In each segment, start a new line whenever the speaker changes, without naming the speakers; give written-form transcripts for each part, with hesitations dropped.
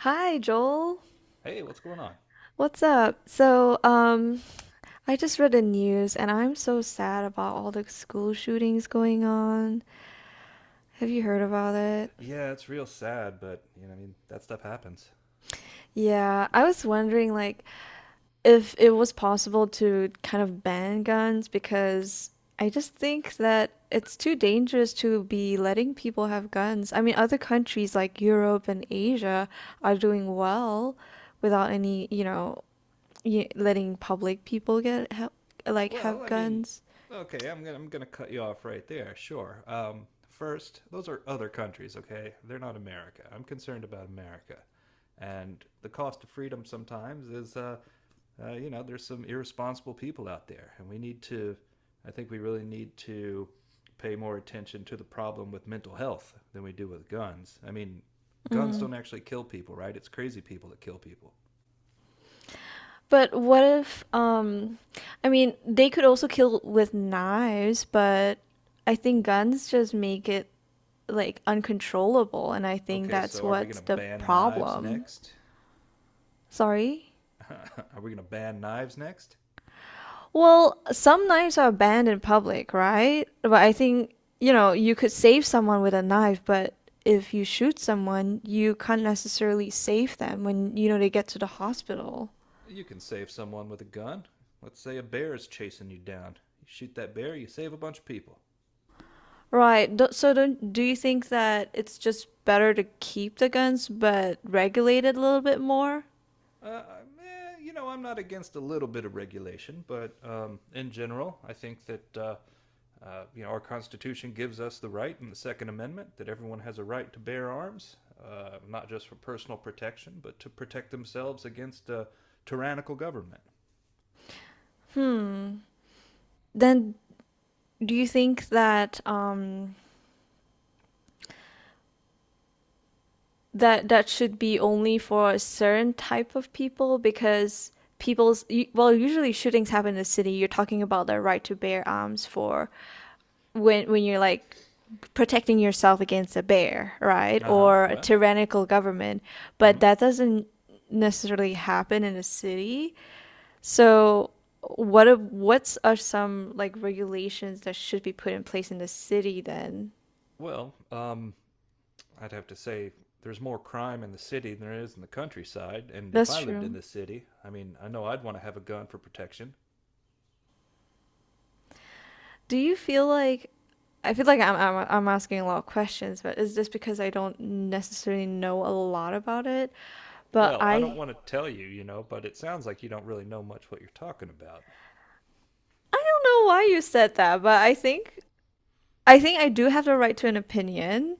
Hi, Joel.
Hey, what's going on?
What's up? So, I just read the news and I'm so sad about all the school shootings going on. Have you heard about it?
Yeah, it's real sad, but you know, I mean, that stuff happens.
Yeah, I was wondering like if it was possible to kind of ban guns because I just think that it's too dangerous to be letting people have guns. I mean, other countries like Europe and Asia are doing well without any letting public people like
Well,
have
I mean,
guns.
okay, I'm gonna cut you off right there. Sure. First, those are other countries. Okay, they're not America. I'm concerned about America, and the cost of freedom sometimes is, you know, there's some irresponsible people out there, and we need to. I think we really need to pay more attention to the problem with mental health than we do with guns. I mean, guns
Mm.
don't actually kill people, right? It's crazy people that kill people.
But what if I mean they could also kill with knives, but I think guns just make it like uncontrollable and I think
Okay,
that's
so are we going
what's
to
the
ban knives
problem.
next?
Sorry?
Are we going to ban knives next?
Well, some knives are banned in public, right? But I think, you could save someone with a knife, but if you shoot someone, you can't necessarily save them when they get to the hospital.
You can save someone with a gun. Let's say a bear is chasing you down. You shoot that bear, you save a bunch of people.
Right. Do- So don't, do you think that it's just better to keep the guns but regulate it a little bit more?
Uh, you know, I'm not against a little bit of regulation, but in general, I think that you know our Constitution gives us the right in the Second Amendment that everyone has a right to bear arms, not just for personal protection, but to protect themselves against a tyrannical government.
Hmm. Then do you think that that should be only for a certain type of people because well, usually shootings happen in the city. You're talking about the right to bear arms for when you're like protecting yourself against a bear, right?
Uh huh.
Or a
Well,
tyrannical government. But
mhm.
that doesn't necessarily happen in a city. So, what's are some like regulations that should be put in place in the city then?
Well, I'd have to say there's more crime in the city than there is in the countryside, and if
That's
I lived in
true.
the city, I mean, I know I'd want to have a gun for protection.
Do you feel like I feel like I'm asking a lot of questions, but it's just because I don't necessarily know a lot about it. But
Well, I don't
I
want to tell you, you know, but it sounds like you don't really know much what you're talking about.
I don't know why you said that, but I think I do have the right to an opinion.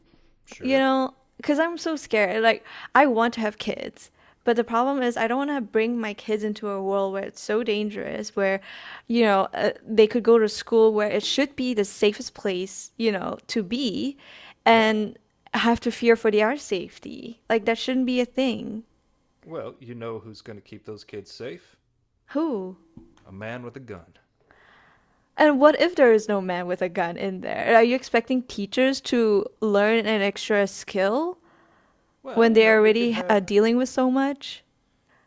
you
Sure.
know, because I'm so scared. Like, I want to have kids, but the problem is, I don't want to bring my kids into a world where it's so dangerous, where they could go to school where it should be the safest place to be
Yeah.
and have to fear for their safety. Like, that shouldn't be a thing.
Well, you know who's going to keep those kids safe?
Who?
A man with a gun.
And what if there is no man with a gun in there? Are you expecting teachers to learn an extra skill
Well,
when
you know,
they're
we could
already
have.
dealing with so much?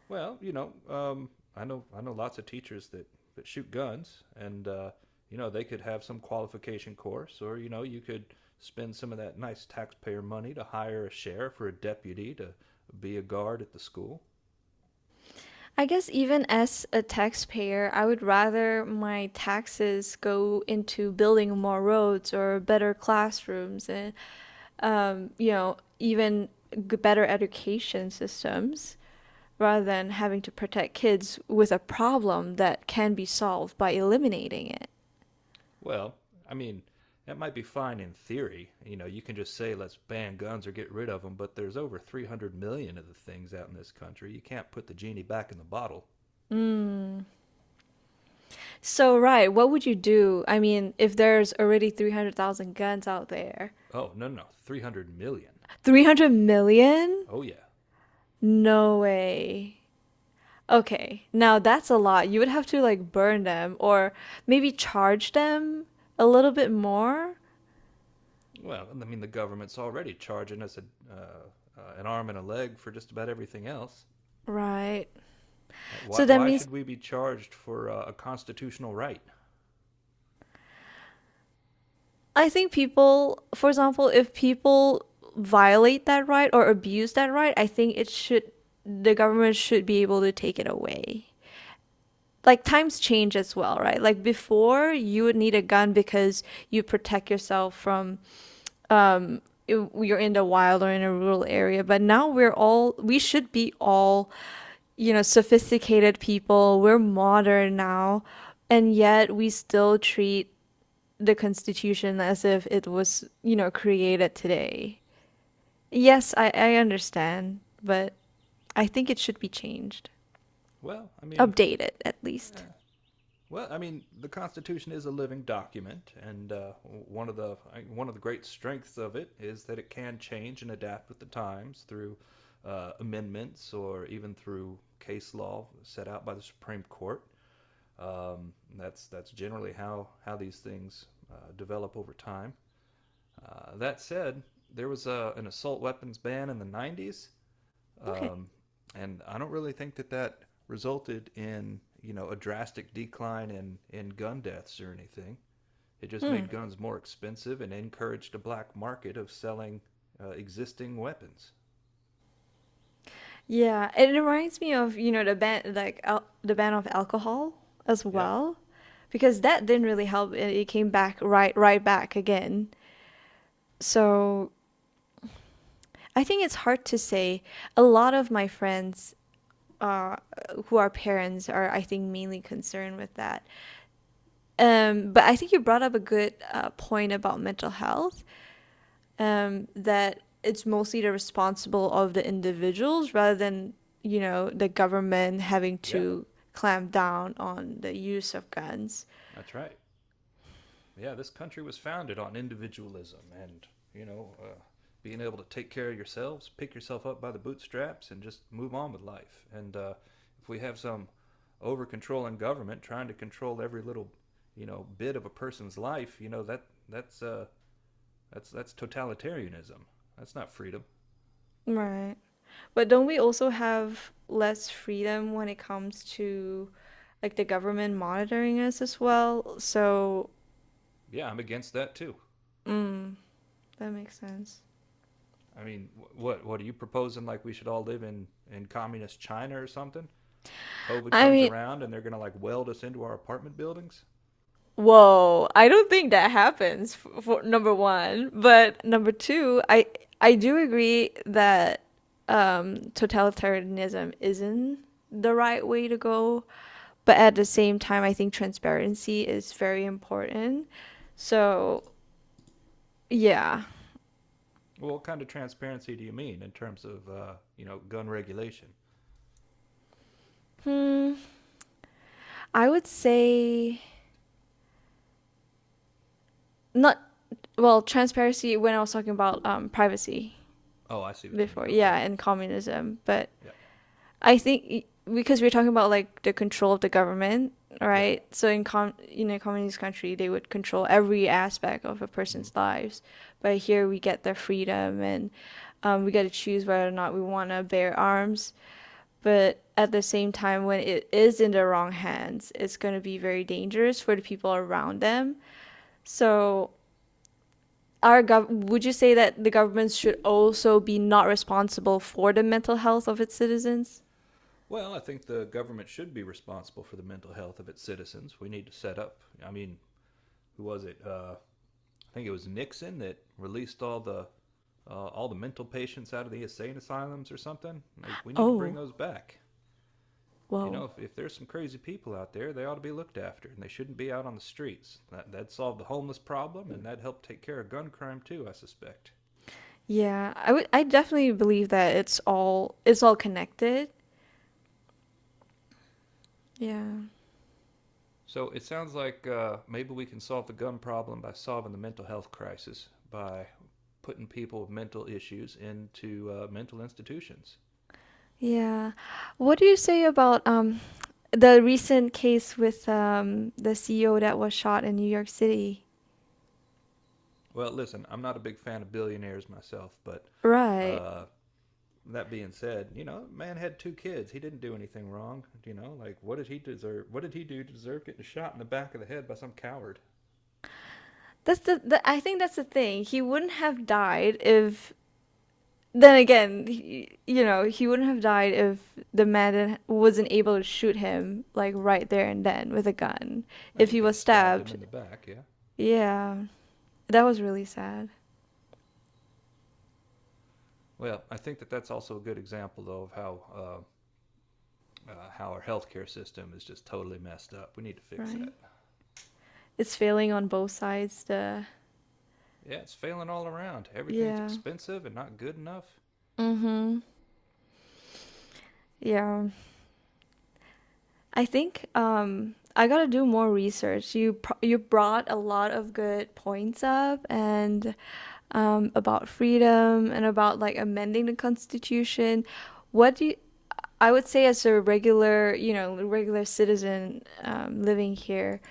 Well, you know, I know lots of teachers that shoot guns, and you know they could have some qualification course, or you know you could spend some of that nice taxpayer money to hire a sheriff or a deputy to be a guard at the school.
I guess even as a taxpayer, I would rather my taxes go into building more roads or better classrooms and even better education systems rather than having to protect kids with a problem that can be solved by eliminating it.
Well, I mean, that might be fine in theory. You know, you can just say let's ban guns or get rid of them, but there's over 300 million of the things out in this country. You can't put the genie back in the bottle.
Mm. So, right, what would you do? I mean, if there's already 300,000 guns out there,
Oh, no, no, 300 million.
300 million?
Oh yeah.
No way. Okay, now that's a lot. You would have to like burn them or maybe charge them a little bit more,
Well, I mean, the government's already charging us a, an arm and a leg for just about everything else.
right?
Like,
So that
why
means
should we be charged for a constitutional right?
I think people, for example, if people violate that right or abuse that right, I think it should. The government should be able to take it away. Like times change as well, right? Like before, you would need a gun because you protect yourself from um you're in the wild or in a rural area, but now we should be all sophisticated people, we're modern now, and yet we still treat the constitution as if it was created today. Yes, I understand, but I think it should be changed,
Well, I mean,
updated at
eh,
least.
well, I mean, the Constitution is a living document, and one of the great strengths of it is that it can change and adapt with the times through amendments or even through case law set out by the Supreme Court. That's generally how these things develop over time. That said, there was a, an assault weapons ban in the 90s,
Okay.
um, and I don't really think that resulted in you know a drastic decline in gun deaths or anything. It just made
Hmm.
guns more expensive and encouraged a black market of selling existing weapons.
Yeah, it reminds me of the ban like al the ban of alcohol as
Yep.
well, because that didn't really help. It came back right back again. So I think it's hard to say. A lot of my friends uh, who are parents are, I think, mainly concerned with that. But I think you brought up a good point about mental health, that it's mostly the responsible of the individuals rather than the government having
Yeah,
to clamp down on the use of guns.
that's right. Yeah, this country was founded on individualism and, you know, being able to take care of yourselves, pick yourself up by the bootstraps, and just move on with life. And if we have some over controlling government trying to control every little, you know, bit of a person's life, you know, that that's uh, that's totalitarianism. That's not freedom.
Right. But don't we also have less freedom when it comes to like the government monitoring us as well? So,
Yeah, I'm against that too.
mm, that makes sense.
I mean, what are you proposing? Like we should all live in communist China or something? COVID
I
comes
mean,
around and they're gonna like weld us into our apartment buildings?
whoa, I don't think that happens for number one. But number two, I do agree that totalitarianism isn't the right way to go. But at the same time, I think transparency is very important. So yeah,
Well, what kind of transparency do you mean in terms of, you know, gun regulation?
hmm, I would say not. Well, transparency when I was talking about privacy
Oh, I see what you
before,
mean. Okay.
yeah, and communism, but
Yeah.
I think because we're talking about like the control of the government,
Yeah.
right? So in a communist country, they would control every aspect of a
Hmm.
person's lives, but here we get their freedom, and we get to choose whether or not we want to bear arms. But at the same time, when it is in the wrong hands, it's going to be very dangerous for the people around them. So, would you say that the government should also be not responsible for the mental health of its citizens?
Well, I think the government should be responsible for the mental health of its citizens. We need to set up. I mean, who was it? I think it was Nixon that released all the mental patients out of the insane asylums or something. Like, we need to bring
Oh.
those back. You know,
Whoa.
if there's some crazy people out there, they ought to be looked after, and they shouldn't be out on the streets. That'd solve the homeless problem, and that'd help take care of gun crime, too, I suspect.
Yeah, I definitely believe that it's all connected. Yeah.
So it sounds like maybe we can solve the gun problem by solving the mental health crisis by putting people with mental issues into mental institutions.
Yeah. What do you say about the recent case with the CEO that was shot in New York City?
Well, listen, I'm not a big fan of billionaires myself, but
Right.
uh, that being said, you know, man had two kids. He didn't do anything wrong. You know, like what did he deserve? What did he do to deserve getting shot in the back of the head by some coward?
That's the I think that's the thing. He wouldn't have died if Then again, he wouldn't have died if the man wasn't able to shoot him like right there and then with a gun.
Eh,
If
he
he
could have
was
stabbed him
stabbed.
in the back. Yeah.
Yeah. That was really sad.
Well, I think that that's also a good example, though, of how our healthcare system is just totally messed up. We need to fix
Right.
that.
It's failing on both sides. The
Yeah, it's failing all around. Everything's
Yeah.
expensive and not good enough.
Mm-hmm. Yeah. I think I gotta do more research. You brought a lot of good points up, and about freedom and about like amending the constitution. What do you, I would say as a regular citizen living here,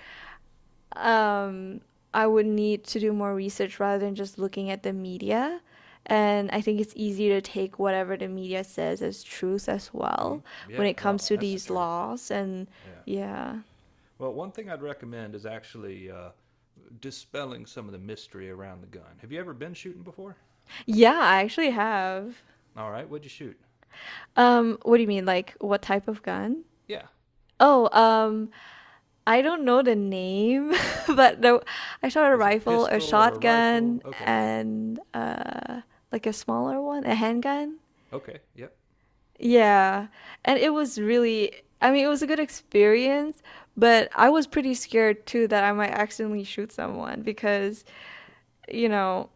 um, I would need to do more research rather than just looking at the media. And I think it's easy to take whatever the media says as truth as
Mm.
well when
Yeah,
it
well,
comes to
that's the
these
truth.
laws. And
Yeah.
yeah.
Well, one thing I'd recommend is actually dispelling some of the mystery around the gun. Have you ever been shooting before?
Yeah, I actually have.
All right, what'd you shoot?
What do you mean? Like, what type of gun?
Yeah.
Oh, I don't know the name, but no, I shot a
Was it a
rifle, a
pistol or a rifle?
shotgun,
Okay.
and like a smaller one, a handgun.
Okay. Yep.
Yeah. And it was really, I mean, it was a good experience, but I was pretty scared too that I might accidentally shoot someone because, you know,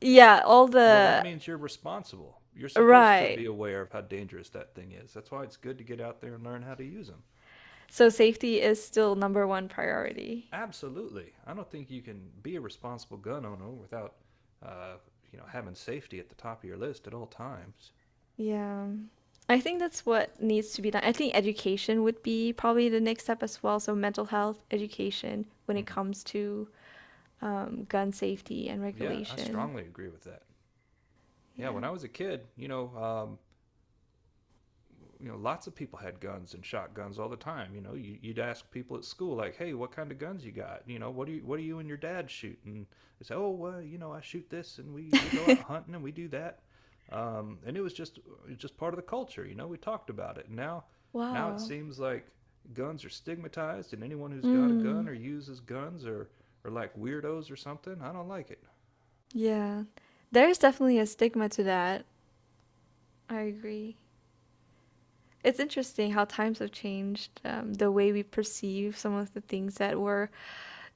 yeah,
Well, that means you're responsible. You're supposed to
right.
be aware of how dangerous that thing is. That's why it's good to get out there and learn how to use them. Uh,
So safety is still number one priority.
Absolutely. I don't think you can be a responsible gun owner without, uh, you know, having safety at the top of your list at all times.
Yeah. I think that's what needs to be done. I think education would be probably the next step as well. So mental health education when it
Mm.
comes to gun safety and
Yeah, I
regulation.
strongly agree with that. Yeah,
Yeah.
when I was a kid, you know, lots of people had guns and shotguns all the time. You know, you would ask people at school, like, "Hey, what kind of guns you got? You know, what do you and your dad shoot?" And they say, "Oh, well, you know, I shoot this, and we go out hunting and we do that." And it was just part of the culture. You know, we talked about it. Now it
Wow.
seems like guns are stigmatized, and anyone who's got a
Mm.
gun or uses guns or like weirdos or something, I don't like it.
Yeah. There's definitely a stigma to that. I agree. It's interesting how times have changed, the way we perceive some of the things that were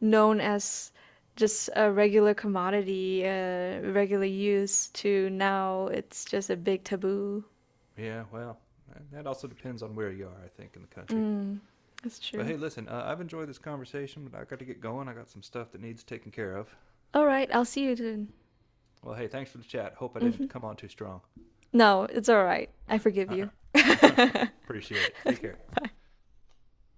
known as just a regular commodity, regular use, to now it's just a big taboo.
Yeah, well, that also depends on where you are, I think, in the country.
Mm, that's
But
true.
hey, listen, I've enjoyed this conversation, but I got to get going. I got some stuff that needs taken care of.
All right, I'll see you then.
Well, hey, thanks for the chat. Hope I
Hmm.
didn't come on too strong.
No, it's all right. I forgive you.
Appreciate it. Take care.
Bye.